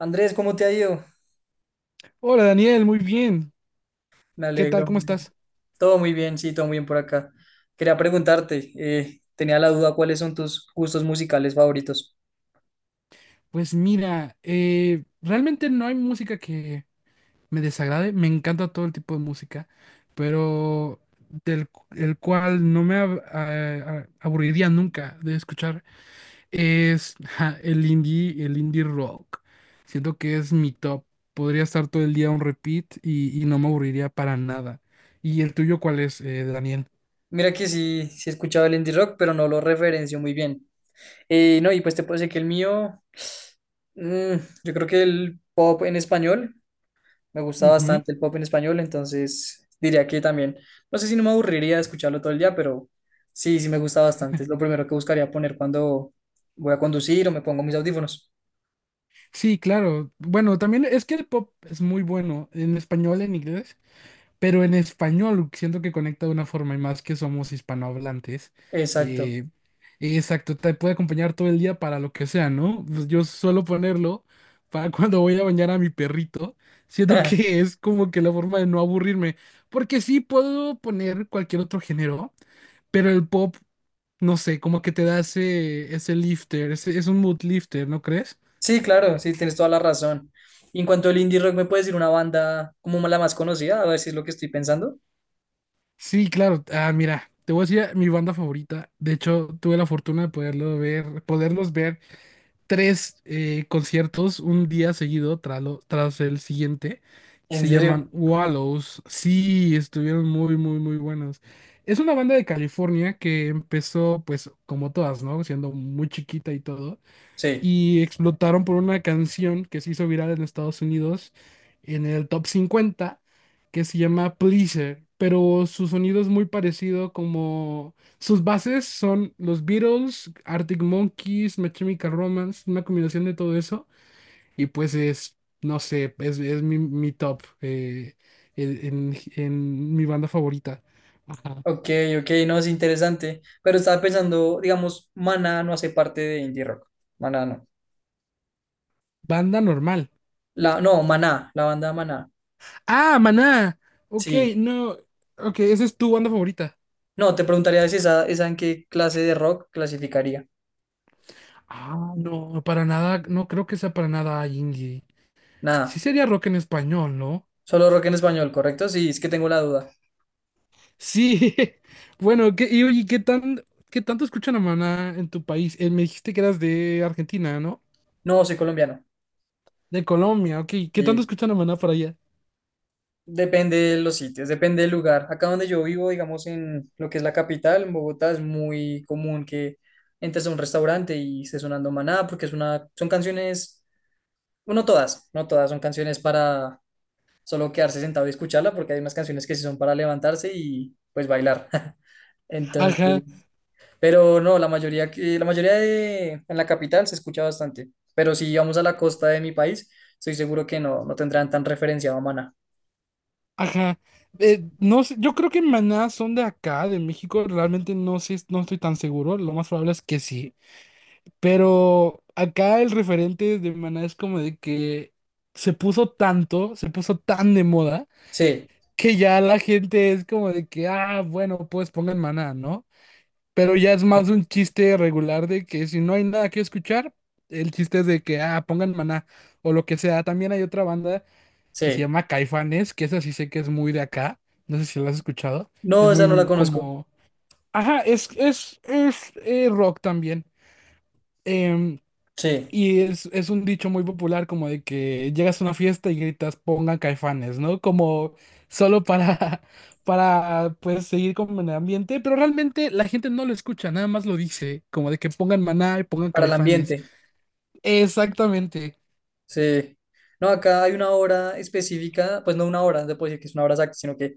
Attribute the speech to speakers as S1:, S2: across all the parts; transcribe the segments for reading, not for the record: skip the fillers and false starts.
S1: Andrés, ¿cómo te ha ido?
S2: Hola Daniel, muy bien.
S1: Me
S2: ¿Qué tal?
S1: alegro,
S2: ¿Cómo
S1: me alegro.
S2: estás?
S1: Todo muy bien, sí, todo muy bien por acá. Quería preguntarte, tenía la duda, ¿cuáles son tus gustos musicales favoritos?
S2: Pues mira, realmente no hay música que me desagrade. Me encanta todo el tipo de música, pero el cual no me aburriría nunca de escuchar es el indie rock. Siento que es mi top. Podría estar todo el día on repeat y no me aburriría para nada. ¿Y el tuyo cuál es, Daniel?
S1: Mira que sí, he escuchado el indie rock, pero no lo referencio muy bien. No, y pues te puedo decir que el mío, mm, yo creo que el pop en español, me gusta bastante el pop en español, entonces diría que también, no sé si no me aburriría de escucharlo todo el día, pero sí, sí me gusta bastante. Es lo primero que buscaría poner cuando voy a conducir o me pongo mis audífonos.
S2: Sí, claro. Bueno, también es que el pop es muy bueno en español, en inglés, pero en español siento que conecta de una forma y más que somos hispanohablantes.
S1: Exacto.
S2: eh, exacto, te puede acompañar todo el día para lo que sea, ¿no? Pues yo suelo ponerlo para cuando voy a bañar a mi perrito. Siento que es como que la forma de no aburrirme, porque sí puedo poner cualquier otro género, pero el pop, no sé, como que te da ese lifter, es un mood lifter, ¿no crees?
S1: Sí, claro, sí, tienes toda la razón. Y en cuanto al indie rock, ¿me puedes decir una banda como la más conocida? A ver si es lo que estoy pensando.
S2: Sí, claro. Ah, mira, te voy a decir mi banda favorita. De hecho, tuve la fortuna de poderlos ver tres conciertos un día seguido tras el siguiente.
S1: ¿En
S2: Se llaman
S1: serio?
S2: Wallows. Sí, estuvieron muy, muy, muy buenos. Es una banda de California que empezó, pues, como todas, ¿no? Siendo muy chiquita y todo,
S1: Sí.
S2: y explotaron por una canción que se hizo viral en Estados Unidos, en el top 50, que se llama Pleaser. Pero su sonido es muy parecido, como sus bases son los Beatles, Arctic Monkeys, My Chemical Romance, una combinación de todo eso. Y pues es, no sé, es mi, mi top en mi banda favorita. Ajá.
S1: Ok, ok, no, es interesante. Pero estaba pensando, digamos, Maná no hace parte de indie rock. Maná no.
S2: Banda normal.
S1: La, no, Maná, la banda Maná.
S2: Ah, Maná. Ok,
S1: Sí.
S2: no. Ok, esa es tu banda favorita.
S1: No, te preguntaría si esa, esa en qué clase de rock clasificaría.
S2: Ah, no, para nada, no creo que sea para nada indie. Sí
S1: Nada.
S2: sería rock en español, ¿no?
S1: ¿Solo rock en español, correcto? Sí, es que tengo la duda.
S2: Sí. Bueno, y oye, ¿qué tanto escuchan a Maná en tu país? Me dijiste que eras de Argentina, ¿no?
S1: No, soy colombiano.
S2: De Colombia, ok. ¿Qué tanto
S1: Sí.
S2: escuchan a Maná para allá?
S1: Depende de los sitios, depende del lugar. Acá donde yo vivo, digamos en lo que es la capital, en Bogotá, es muy común que entres a un restaurante y esté sonando Maná, porque es una, son canciones, bueno, no todas, no todas son canciones para solo quedarse sentado y escucharla, porque hay unas canciones que sí son para levantarse y pues bailar.
S2: Ajá,
S1: Entonces, pero no, la mayoría, la mayoría de, en la capital se escucha bastante. Pero si vamos a la costa de mi país, estoy seguro que no, no tendrán tan referenciado a Maná.
S2: ajá. No sé, yo creo que Maná son de acá, de México. Realmente no sé, no estoy tan seguro. Lo más probable es que sí. Pero acá el referente de Maná es como de que se puso tanto, se puso tan de moda,
S1: Sí,
S2: que ya la gente es como de que, ah, bueno, pues pongan Maná, ¿no? Pero ya es más un chiste regular de que, si no hay nada que escuchar, el chiste es de que, ah, pongan Maná o lo que sea. También hay otra banda que se
S1: sí.
S2: llama Caifanes, que esa sí sé que es muy de acá, no sé si la has escuchado,
S1: No,
S2: es
S1: esa no la
S2: muy
S1: conozco.
S2: como... Ajá, es rock también. Em,
S1: Sí,
S2: Y es un dicho muy popular, como de que llegas a una fiesta y gritas pongan Caifanes, ¿no? Como solo para para pues seguir con el ambiente, pero realmente la gente no lo escucha, nada más lo dice, como de que pongan Maná y pongan
S1: para el
S2: Caifanes.
S1: ambiente.
S2: Exactamente.
S1: Sí. No, acá hay una hora específica, pues no una hora, no se puede decir que es una hora exacta, sino que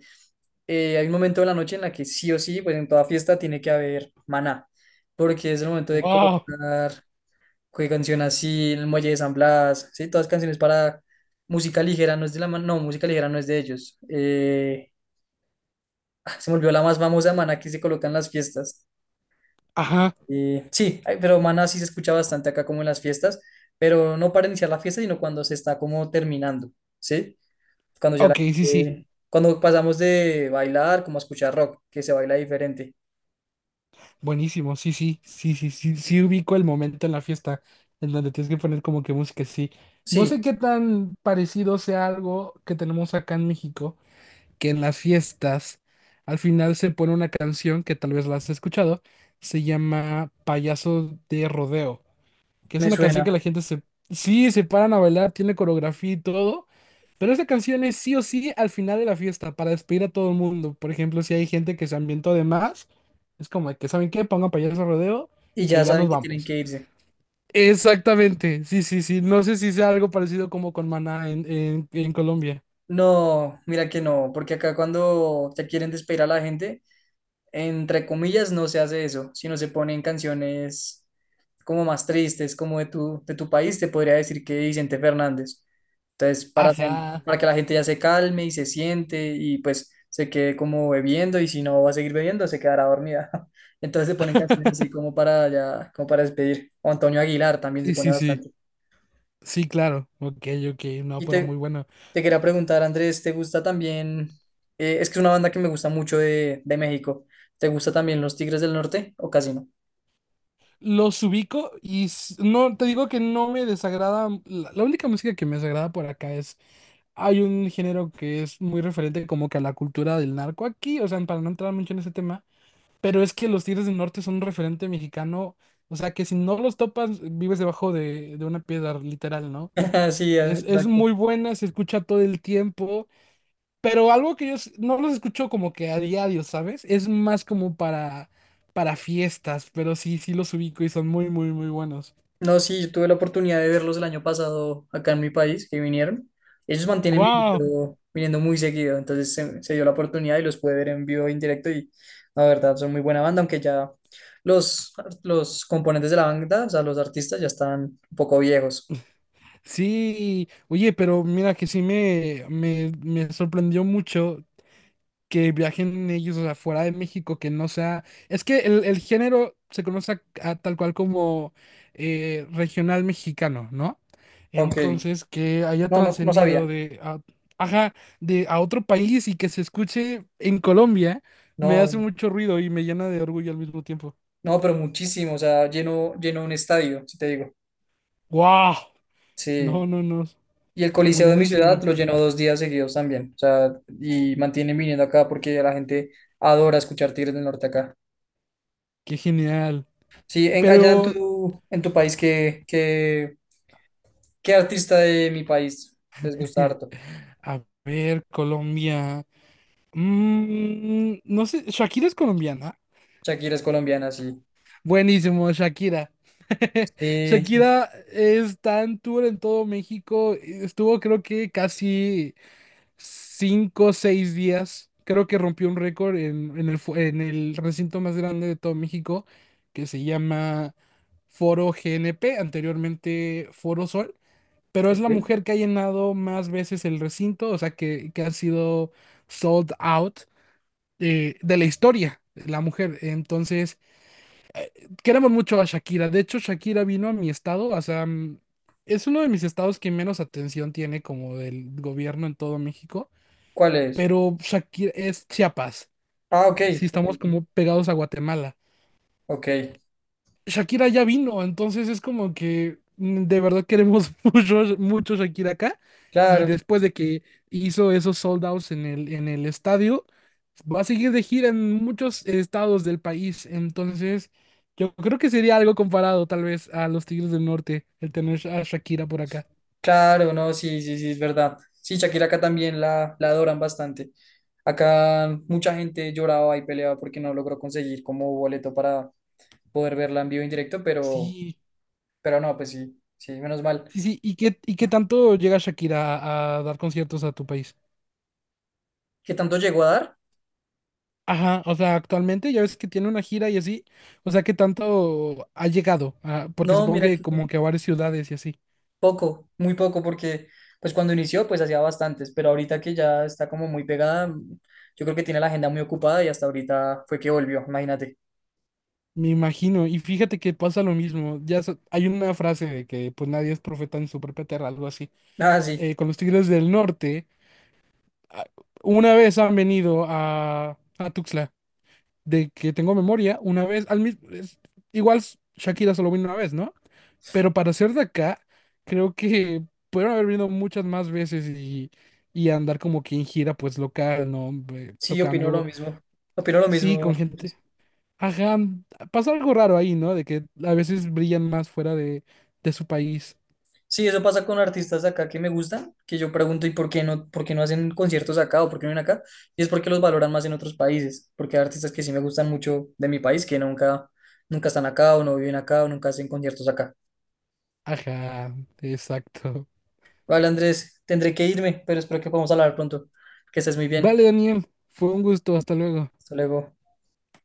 S1: hay un momento de la noche en la que sí o sí, pues en toda fiesta tiene que haber maná, porque es el momento de
S2: Wow.
S1: colocar qué canción así, el Muelle de San Blas, sí, todas canciones para música ligera, no es de la ma- no, música ligera no es de ellos. Ah, se me olvidó la más famosa de maná que se coloca en las fiestas.
S2: Ajá.
S1: Sí, ay, pero Maná sí se escucha bastante acá como en las fiestas, pero no para iniciar la fiesta, sino cuando se está como terminando, ¿sí? Cuando ya la
S2: Ok, sí, sí.
S1: gente- Cuando pasamos de bailar como a escuchar rock, que se baila diferente.
S2: Buenísimo, sí, sí, sí, sí, sí, sí ubico el momento en la fiesta en donde tienes que poner como que música, sí. No sé
S1: Sí,
S2: qué tan parecido sea, algo que tenemos acá en México que en las fiestas al final se pone una canción, que tal vez la has escuchado, se llama Payaso de Rodeo, que es
S1: me
S2: una canción que
S1: suena.
S2: la gente se, sí, se paran a bailar, tiene coreografía y todo, pero esa canción es sí o sí al final de la fiesta para despedir a todo el mundo. Por ejemplo, si hay gente que se ambientó de más, es como de que, ¿saben qué? Pongan Payaso de Rodeo,
S1: Y ya
S2: que ya
S1: saben
S2: nos
S1: que tienen
S2: vamos.
S1: que irse.
S2: Exactamente, sí, sí, sí. No sé si sea algo parecido como con Maná en, en Colombia.
S1: No, mira que no, porque acá cuando te quieren despedir a la gente, entre comillas, no se hace eso, sino se ponen canciones como más tristes, como de tu país, te podría decir que Vicente Fernández. Entonces,
S2: Ajá.
S1: para que la gente ya se calme y se siente y pues se quede como bebiendo y si no va a seguir bebiendo, se quedará dormida. Entonces se ponen canciones así como para ya, como para despedir. O Antonio Aguilar también se
S2: Sí,
S1: pone
S2: sí, sí.
S1: bastante.
S2: Sí, claro. Ok, ok. No,
S1: Y
S2: pero
S1: te,
S2: muy bueno.
S1: te quería preguntar, Andrés, ¿te gusta también? Es que es una banda que me gusta mucho de México. ¿Te gusta también Los Tigres del Norte o casi no?
S2: Los ubico y no, te digo que no me desagrada. La única música que me desagrada por acá es. Hay un género que es muy referente como que a la cultura del narco aquí. O sea, para no entrar mucho en ese tema. Pero es que los Tigres del Norte son un referente mexicano. O sea, que si no los topas, vives debajo de una piedra, literal, ¿no?
S1: Sí, ah,
S2: Es
S1: exacto.
S2: muy buena, se escucha todo el tiempo. Pero algo que yo no los escucho como que a diario, ¿sabes? Es más como para fiestas, pero sí, sí los ubico y son muy, muy, muy buenos.
S1: No, sí, yo tuve la oportunidad de verlos el año pasado acá en mi país, que vinieron. Ellos mantienen
S2: ¡Wow!
S1: viniendo, viniendo muy seguido, entonces se dio la oportunidad y los pude ver en vivo, en directo y la verdad son muy buena banda, aunque ya los, los componentes de la banda, o sea, los artistas ya están un poco viejos.
S2: Sí, oye, pero mira que sí me sorprendió mucho que viajen ellos, o sea, fuera de México, que no sea... Es que el género se conoce a tal cual como regional mexicano, ¿no?
S1: Ok,
S2: Entonces, que haya
S1: no, no, no
S2: trascendido
S1: sabía.
S2: ajá, de a otro país y que se escuche en Colombia, me hace
S1: No,
S2: mucho ruido y me llena de orgullo al mismo tiempo.
S1: no, pero muchísimo, o sea, lleno, lleno un estadio, si te digo.
S2: ¡Wow!
S1: Sí.
S2: No, no, no.
S1: Y el Coliseo de mi ciudad
S2: Buenísimo.
S1: lo llenó dos días seguidos también. O sea, y mantienen viniendo acá porque la gente adora escuchar Tigres del Norte acá.
S2: Qué genial.
S1: Sí, en, allá
S2: Pero,
S1: en tu país, ¿qué, qué, qué artista de mi país les gusta harto?
S2: a ver, Colombia. No sé, Shakira es colombiana.
S1: Shakira es colombiana, sí.
S2: Buenísimo, Shakira.
S1: Sí, sí.
S2: Shakira está en tour en todo México. Estuvo creo que casi 5 o 6 días. Creo que rompió un récord en el recinto más grande de todo México, que se llama Foro GNP, anteriormente Foro Sol. Pero es la
S1: Ok.
S2: mujer que ha llenado más veces el recinto, o sea, que ha sido sold out de la historia, la mujer. Entonces... Queremos mucho a Shakira. De hecho, Shakira vino a mi estado, o sea, es uno de mis estados que menos atención tiene como del gobierno en todo México,
S1: ¿Cuál es?
S2: pero Shakira es Chiapas.
S1: Ah, ok.
S2: Sí,
S1: Ok,
S2: estamos
S1: ok.
S2: como pegados a Guatemala.
S1: Ok,
S2: Shakira ya vino, entonces es como que de verdad queremos mucho, mucho Shakira acá. Y
S1: claro.
S2: después de que hizo esos sold outs en el estadio, va a seguir de gira en muchos estados del país. Entonces, yo creo que sería algo comparado tal vez a los Tigres del Norte, el tener a Shakira por acá.
S1: Claro, no, sí, sí, sí, es verdad. Sí, Shakira acá también la adoran bastante. Acá mucha gente lloraba y peleaba porque no logró conseguir como boleto para poder verla en vivo e en directo,
S2: Sí,
S1: pero no, pues sí, sí, menos mal.
S2: sí, sí. ¿Y qué tanto llega Shakira a dar conciertos a tu país?
S1: ¿Qué tanto llegó a dar?
S2: Ajá, o sea, actualmente ya ves que tiene una gira y así, o sea, ¿qué tanto ha llegado? Ah, porque
S1: No,
S2: supongo
S1: mira
S2: que
S1: que
S2: como que a varias ciudades y así,
S1: poco, muy poco, porque pues cuando inició pues hacía bastantes, pero ahorita que ya está como muy pegada, yo creo que tiene la agenda muy ocupada y hasta ahorita fue que volvió, imagínate.
S2: me imagino. Y fíjate que pasa lo mismo, hay una frase de que pues nadie es profeta en su propia tierra, algo así.
S1: Ah, sí,
S2: Con los Tigres del Norte, ah, una vez han venido a Tuxtla de que tengo memoria, una vez, al mismo, igual Shakira solo vino una vez, ¿no? Pero para ser de acá, creo que pudieron haber venido muchas más veces y andar como que en gira, pues local, ¿no?
S1: sí, opino lo
S2: Tocando,
S1: mismo, opino lo
S2: sí, con
S1: mismo.
S2: gente. Ajá, pasa algo raro ahí, ¿no? De que a veces brillan más fuera de su país.
S1: Sí, eso pasa con artistas de acá que me gustan, que yo pregunto, ¿y por qué no hacen conciertos acá o por qué no vienen acá? Y es porque los valoran más en otros países, porque hay artistas que sí me gustan mucho de mi país, que nunca, nunca están acá o no viven acá o nunca hacen conciertos acá.
S2: Ajá, exacto.
S1: Vale, Andrés, tendré que irme, pero espero que podamos hablar pronto. Que estés muy bien.
S2: Vale, Daniel, fue un gusto, hasta luego.
S1: Hasta luego.